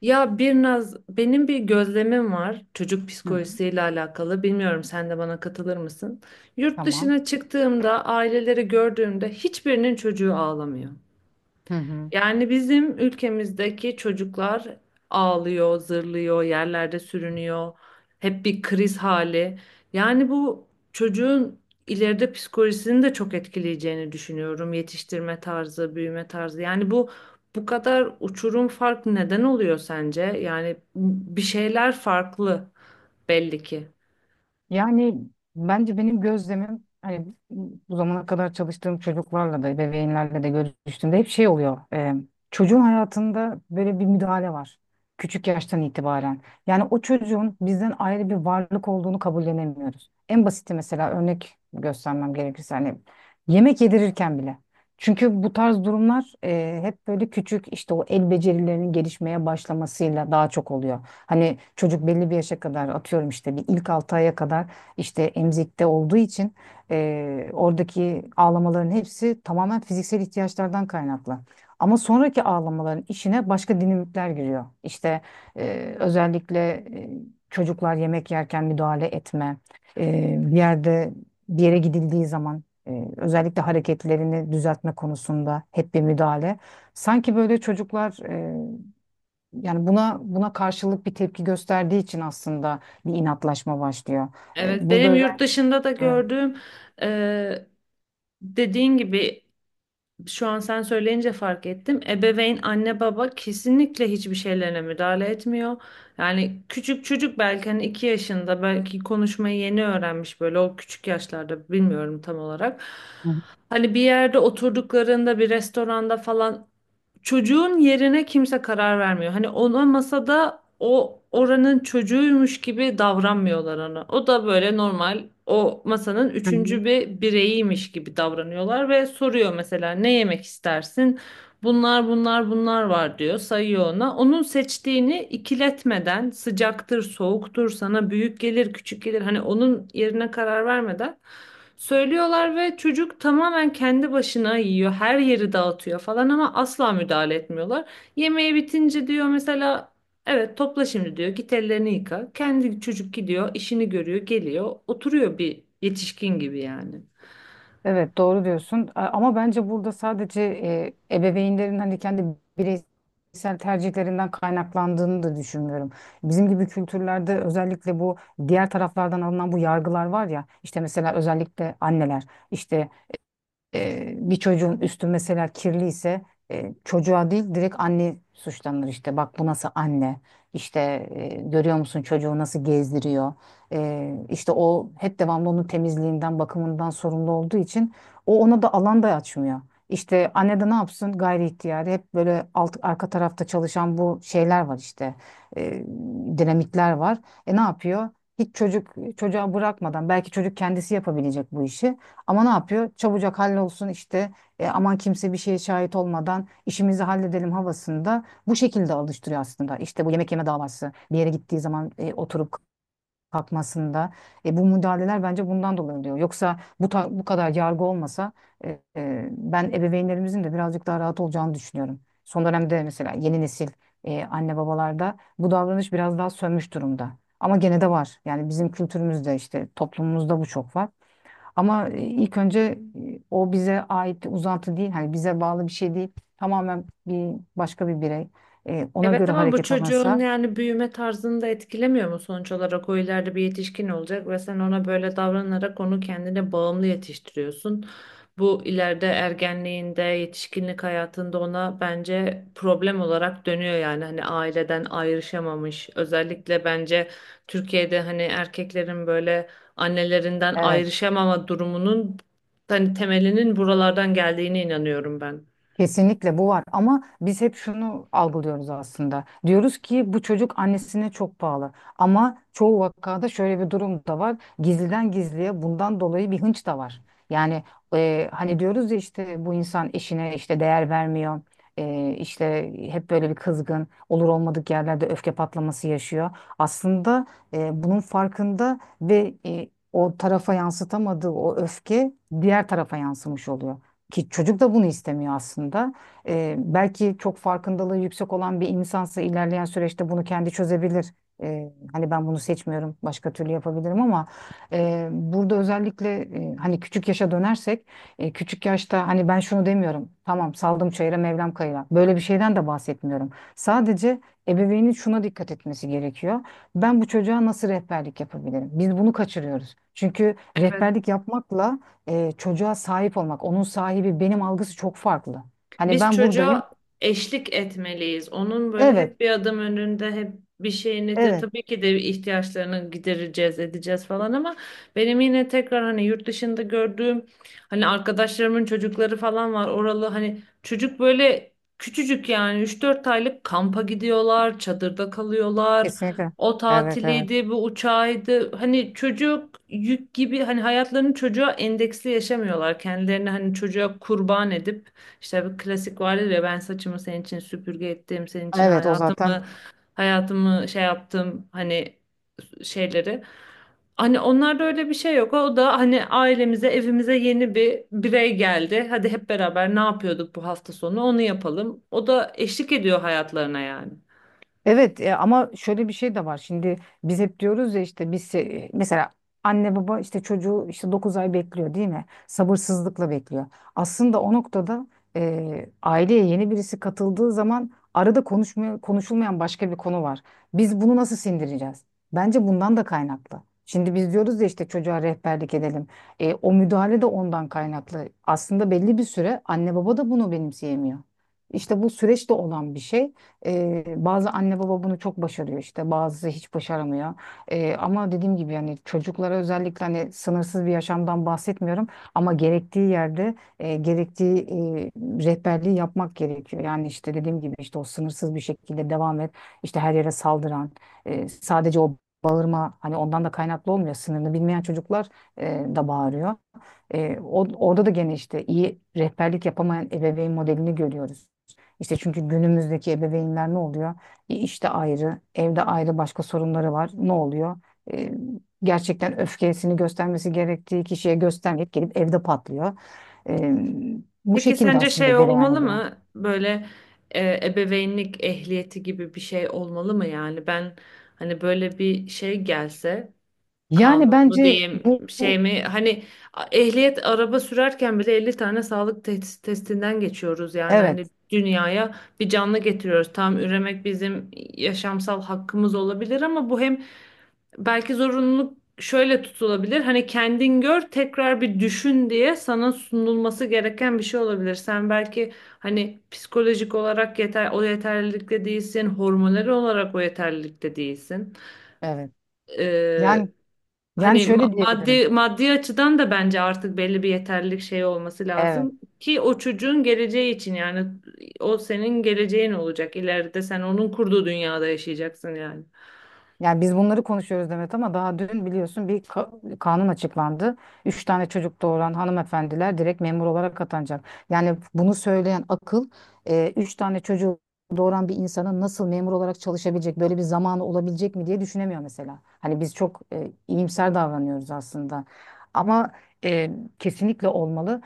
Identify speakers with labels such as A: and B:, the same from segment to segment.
A: Ya bir naz benim bir gözlemim var çocuk
B: Hı hı,
A: psikolojisiyle alakalı. Bilmiyorum sen de bana katılır mısın? Yurt
B: tamam.
A: dışına çıktığımda aileleri gördüğümde hiçbirinin çocuğu ağlamıyor.
B: Hı hı.
A: Yani bizim ülkemizdeki çocuklar ağlıyor, zırlıyor, yerlerde sürünüyor. Hep bir kriz hali. Yani bu çocuğun ileride psikolojisini de çok etkileyeceğini düşünüyorum. Yetiştirme tarzı, büyüme tarzı. Yani bu kadar uçurum fark neden oluyor sence? Yani bir şeyler farklı belli ki.
B: Yani bence benim gözlemim hani bu zamana kadar çalıştığım çocuklarla da ebeveynlerle de görüştüğümde hep şey oluyor. Çocuğun hayatında böyle bir müdahale var. Küçük yaştan itibaren. Yani o çocuğun bizden ayrı bir varlık olduğunu kabullenemiyoruz. En basiti mesela örnek göstermem gerekirse hani yemek yedirirken bile. Çünkü bu tarz durumlar hep böyle küçük işte o el becerilerinin gelişmeye başlamasıyla daha çok oluyor. Hani çocuk belli bir yaşa kadar atıyorum işte bir ilk 6 aya kadar işte emzikte olduğu için oradaki ağlamaların hepsi tamamen fiziksel ihtiyaçlardan kaynaklı. Ama sonraki ağlamaların işine başka dinamikler giriyor. İşte özellikle çocuklar yemek yerken müdahale etme, bir yerde bir yere gidildiği zaman özellikle hareketlerini düzeltme konusunda hep bir müdahale. Sanki böyle çocuklar yani buna karşılık bir tepki gösterdiği için aslında bir inatlaşma başlıyor.
A: Evet,
B: Burada
A: benim yurt
B: özellikle.
A: dışında da
B: Hı
A: gördüğüm e, dediğin gibi şu an sen söyleyince fark ettim. Ebeveyn, anne baba kesinlikle hiçbir şeylerine müdahale etmiyor. Yani küçük çocuk belki hani 2 yaşında belki konuşmayı yeni öğrenmiş böyle o küçük yaşlarda bilmiyorum tam olarak.
B: hı.
A: Hani bir yerde oturduklarında bir restoranda falan çocuğun yerine kimse karar vermiyor. Hani ona masada o oranın çocuğuymuş gibi davranmıyorlar ona. O da böyle normal o masanın
B: Hı.
A: üçüncü bir bireyiymiş gibi davranıyorlar ve soruyor mesela ne yemek istersin? Bunlar var diyor sayıyor ona. Onun seçtiğini ikiletmeden sıcaktır soğuktur sana büyük gelir küçük gelir hani onun yerine karar vermeden söylüyorlar ve çocuk tamamen kendi başına yiyor. Her yeri dağıtıyor falan ama asla müdahale etmiyorlar. Yemeği bitince diyor mesela evet topla şimdi diyor git ellerini yıka. Kendi çocuk gidiyor işini görüyor geliyor oturuyor bir yetişkin gibi yani.
B: Evet, doğru diyorsun, ama bence burada sadece ebeveynlerin hani kendi bireysel tercihlerinden kaynaklandığını da düşünmüyorum. Bizim gibi kültürlerde özellikle bu diğer taraflardan alınan bu yargılar var ya, işte mesela özellikle anneler işte, bir çocuğun üstü mesela kirliyse çocuğa değil direkt anne suçlanır, işte bak bu nasıl anne, işte görüyor musun çocuğu nasıl gezdiriyor. İşte o hep devamlı onun temizliğinden bakımından sorumlu olduğu için o ona da alan da açmıyor. İşte anne de ne yapsın, gayri ihtiyari hep böyle alt, arka tarafta çalışan bu şeyler var, işte e, dinamikler var. Ne yapıyor? Hiç çocuk çocuğa bırakmadan, belki çocuk kendisi yapabilecek bu işi. Ama ne yapıyor? Çabucak hallolsun işte, aman kimse bir şeye şahit olmadan işimizi halledelim havasında bu şekilde alıştırıyor aslında. İşte bu yemek yeme davası, bir yere gittiği zaman oturup kalkmasında, bu müdahaleler bence bundan dolayı oluyor. Yoksa bu, bu kadar yargı olmasa ben ebeveynlerimizin de birazcık daha rahat olacağını düşünüyorum. Son dönemde mesela yeni nesil anne babalarda bu davranış biraz daha sönmüş durumda. Ama gene de var. Yani bizim kültürümüzde, işte toplumumuzda bu çok var. Ama ilk önce o bize ait bir uzantı değil, hani bize bağlı bir şey değil. Tamamen bir başka bir birey. Ona
A: Evet
B: göre
A: ama bu
B: hareket
A: çocuğun
B: alınsa.
A: yani büyüme tarzını da etkilemiyor mu sonuç olarak? O ileride bir yetişkin olacak ve sen ona böyle davranarak onu kendine bağımlı yetiştiriyorsun. Bu ileride ergenliğinde, yetişkinlik hayatında ona bence problem olarak dönüyor yani hani aileden ayrışamamış. Özellikle bence Türkiye'de hani erkeklerin böyle annelerinden
B: Evet.
A: ayrışamama durumunun hani temelinin buralardan geldiğine inanıyorum ben.
B: Kesinlikle bu var, ama biz hep şunu algılıyoruz aslında. Diyoruz ki bu çocuk annesine çok bağlı. Ama çoğu vakada şöyle bir durum da var. Gizliden gizliye bundan dolayı bir hınç da var. Yani hani diyoruz ya, işte bu insan eşine işte değer vermiyor. İşte hep böyle bir kızgın, olur olmadık yerlerde öfke patlaması yaşıyor. Aslında bunun farkında ve o tarafa yansıtamadığı o öfke diğer tarafa yansımış oluyor, ki çocuk da bunu istemiyor aslında. Belki çok farkındalığı yüksek olan bir insansa ilerleyen süreçte bunu kendi çözebilir. Hani ben bunu seçmiyorum, başka türlü yapabilirim, ama burada özellikle hani küçük yaşa dönersek, küçük yaşta, hani ben şunu demiyorum, tamam saldım çayıra Mevlam kayıra. Böyle bir şeyden de bahsetmiyorum. Sadece ebeveynin şuna dikkat etmesi gerekiyor. Ben bu çocuğa nasıl rehberlik yapabilirim? Biz bunu kaçırıyoruz. Çünkü rehberlik yapmakla çocuğa sahip olmak, onun sahibi benim algısı çok farklı. Hani
A: Biz
B: ben buradayım.
A: çocuğa eşlik etmeliyiz. Onun böyle
B: Evet,
A: hep bir adım önünde, hep bir şeyini de
B: evet.
A: tabii ki de ihtiyaçlarını gidereceğiz, edeceğiz falan ama benim yine tekrar hani yurt dışında gördüğüm hani arkadaşlarımın çocukları falan var. Oralı hani çocuk böyle küçücük yani 3-4 aylık kampa gidiyorlar, çadırda kalıyorlar.
B: Kesinlikle.
A: O
B: Evet, evet.
A: tatiliydi, bu uçağıydı. Hani çocuk yük gibi hani hayatlarını çocuğa endeksli yaşamıyorlar. Kendilerini hani çocuğa kurban edip işte bir klasik vardır ya ben saçımı senin için süpürge ettim, senin için
B: Evet, o zaten.
A: hayatımı şey yaptım hani şeyleri. Hani onlarda öyle bir şey yok. O da hani ailemize, evimize yeni bir birey geldi. Hadi hep beraber ne yapıyorduk bu hafta sonu onu yapalım. O da eşlik ediyor hayatlarına yani.
B: Evet, ama şöyle bir şey de var. Şimdi biz hep diyoruz ya, işte biz mesela anne baba işte çocuğu işte 9 ay bekliyor, değil mi? Sabırsızlıkla bekliyor. Aslında o noktada aileye yeni birisi katıldığı zaman arada konuşmaya, konuşulmayan başka bir konu var. Biz bunu nasıl sindireceğiz? Bence bundan da kaynaklı. Şimdi biz diyoruz ya, işte çocuğa rehberlik edelim. O müdahale de ondan kaynaklı. Aslında belli bir süre anne baba da bunu benimseyemiyor. İşte bu süreçte olan bir şey. Bazı anne baba bunu çok başarıyor işte, bazısı hiç başaramıyor. Ama dediğim gibi yani çocuklara özellikle hani sınırsız bir yaşamdan bahsetmiyorum, ama gerektiği yerde gerektiği rehberliği yapmak gerekiyor. Yani işte dediğim gibi, işte o sınırsız bir şekilde devam et, işte her yere saldıran, sadece o bağırma hani ondan da kaynaklı olmuyor. Sınırını bilmeyen çocuklar e, da bağırıyor. Orada da gene işte iyi rehberlik yapamayan ebeveyn modelini görüyoruz. İşte çünkü günümüzdeki ebeveynler ne oluyor? İşte ayrı, evde ayrı başka sorunları var. Ne oluyor? E, Gerçekten öfkesini göstermesi gerektiği kişiye göstermeyip gelip evde patlıyor. E, Bu
A: Peki
B: şekilde
A: sence şey
B: aslında cereyan
A: olmalı
B: ediyor.
A: mı? Böyle ebeveynlik ehliyeti gibi bir şey olmalı mı yani? Ben hani böyle bir şey gelse
B: Yani
A: kanun mu
B: bence
A: diyeyim şey mi hani ehliyet araba sürerken bile 50 tane sağlık testinden geçiyoruz yani hani
B: evet,
A: dünyaya bir canlı getiriyoruz. Tam üremek bizim yaşamsal hakkımız olabilir ama bu hem belki zorunluluk şöyle tutulabilir. Hani kendin gör, tekrar bir düşün diye sana sunulması gereken bir şey olabilir. Sen belki hani psikolojik olarak yeter o yeterlilikte değilsin, hormonal olarak o yeterlilikte değilsin.
B: evet. Yani
A: Hani
B: şöyle
A: maddi
B: diyebilirim.
A: maddi açıdan da bence artık belli bir yeterlilik şey olması
B: Evet.
A: lazım ki o çocuğun geleceği için yani o senin geleceğin olacak. İleride sen onun kurduğu dünyada yaşayacaksın yani.
B: Yani biz bunları konuşuyoruz Demet, ama daha dün biliyorsun bir kanun açıklandı. Üç tane çocuk doğuran hanımefendiler direkt memur olarak atanacak. Yani bunu söyleyen akıl 3 tane çocuğu doğuran bir insanın nasıl memur olarak çalışabilecek, böyle bir zamanı olabilecek mi diye düşünemiyor mesela. Hani biz çok iyimser davranıyoruz aslında. Ama e, kesinlikle olmalı,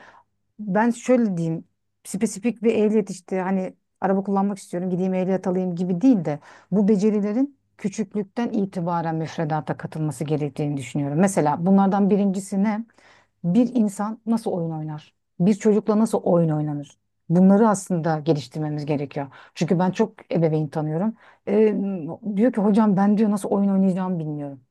B: ben şöyle diyeyim: spesifik bir ehliyet, işte hani araba kullanmak istiyorum gideyim ehliyet alayım gibi değil de, bu becerilerin küçüklükten itibaren müfredata katılması gerektiğini düşünüyorum. Mesela bunlardan birincisi ne? Bir insan nasıl oyun oynar? Bir çocukla nasıl oyun oynanır? Bunları aslında geliştirmemiz gerekiyor. Çünkü ben çok ebeveyn tanıyorum. Ee, Diyor ki hocam, ben diyor nasıl oyun oynayacağımı bilmiyorum.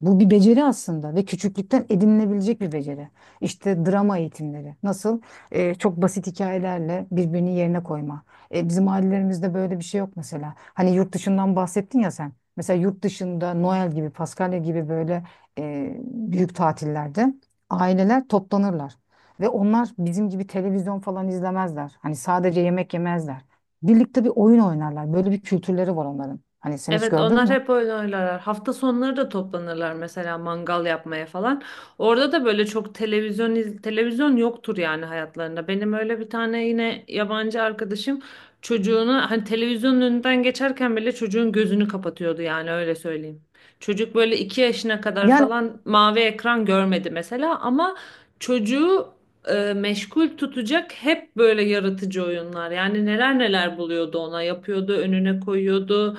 B: Bu bir beceri aslında, ve küçüklükten edinilebilecek bir beceri. İşte drama eğitimleri. Nasıl? Çok basit hikayelerle birbirini yerine koyma. Bizim ailelerimizde böyle bir şey yok mesela. Hani yurt dışından bahsettin ya sen. Mesela yurt dışında Noel gibi, Paskalya gibi böyle büyük tatillerde aileler toplanırlar. Ve onlar bizim gibi televizyon falan izlemezler. Hani sadece yemek yemezler. Birlikte bir oyun oynarlar. Böyle bir kültürleri var onların. Hani sen hiç
A: Evet
B: gördün
A: onlar
B: mü?
A: hep oyun oynarlar. Hafta sonları da toplanırlar mesela mangal yapmaya falan. Orada da böyle çok televizyon televizyon yoktur yani hayatlarında. Benim öyle bir tane yine yabancı arkadaşım çocuğunu hani televizyonun önünden geçerken bile çocuğun gözünü kapatıyordu yani öyle söyleyeyim. Çocuk böyle 2 yaşına kadar
B: Yani...
A: falan mavi ekran görmedi mesela ama çocuğu meşgul tutacak hep böyle yaratıcı oyunlar. Yani neler neler buluyordu ona yapıyordu önüne koyuyordu.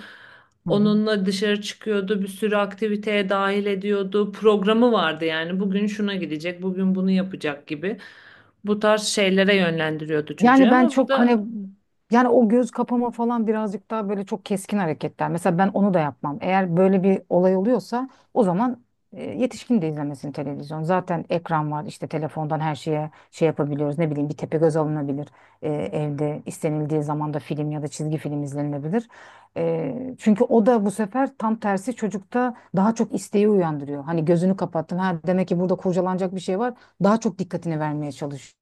B: Hı hı.
A: Onunla dışarı çıkıyordu, bir sürü aktiviteye dahil ediyordu. Programı vardı yani bugün şuna gidecek, bugün bunu yapacak gibi. Bu tarz şeylere yönlendiriyordu çocuğu
B: Yani ben
A: ama bu
B: çok
A: da
B: hani, yani o göz kapama falan birazcık daha böyle çok keskin hareketler. Mesela ben onu da yapmam. Eğer böyle bir olay oluyorsa, o zaman yetişkin de izlemesin televizyon. Zaten ekran var işte, telefondan her şeye şey yapabiliyoruz. Ne bileyim, bir tepegöz alınabilir. Evde istenildiği zaman da film ya da çizgi film izlenilebilir. Çünkü o da bu sefer tam tersi çocukta daha çok isteği uyandırıyor. Hani gözünü kapattın, ha demek ki burada kurcalanacak bir şey var. Daha çok dikkatini vermeye çalışıyor.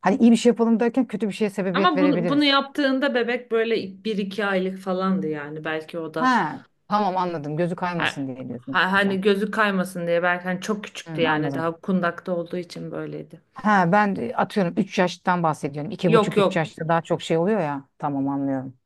B: Hani iyi bir şey yapalım derken kötü bir şeye sebebiyet
A: ama bunu
B: verebiliriz.
A: yaptığında bebek böyle 1-2 aylık falandı yani. Belki o da
B: Ha, tamam anladım. Gözü kaymasın diye diyorsun
A: hani
B: sen.
A: gözü kaymasın diye belki hani çok
B: Hı,
A: küçüktü yani
B: anladım.
A: daha kundakta olduğu için böyleydi.
B: Ha, ben de atıyorum 3 yaştan bahsediyorum.
A: Yok
B: Buçuk üç
A: yok
B: yaşta daha çok şey oluyor ya. Tamam, anlıyorum.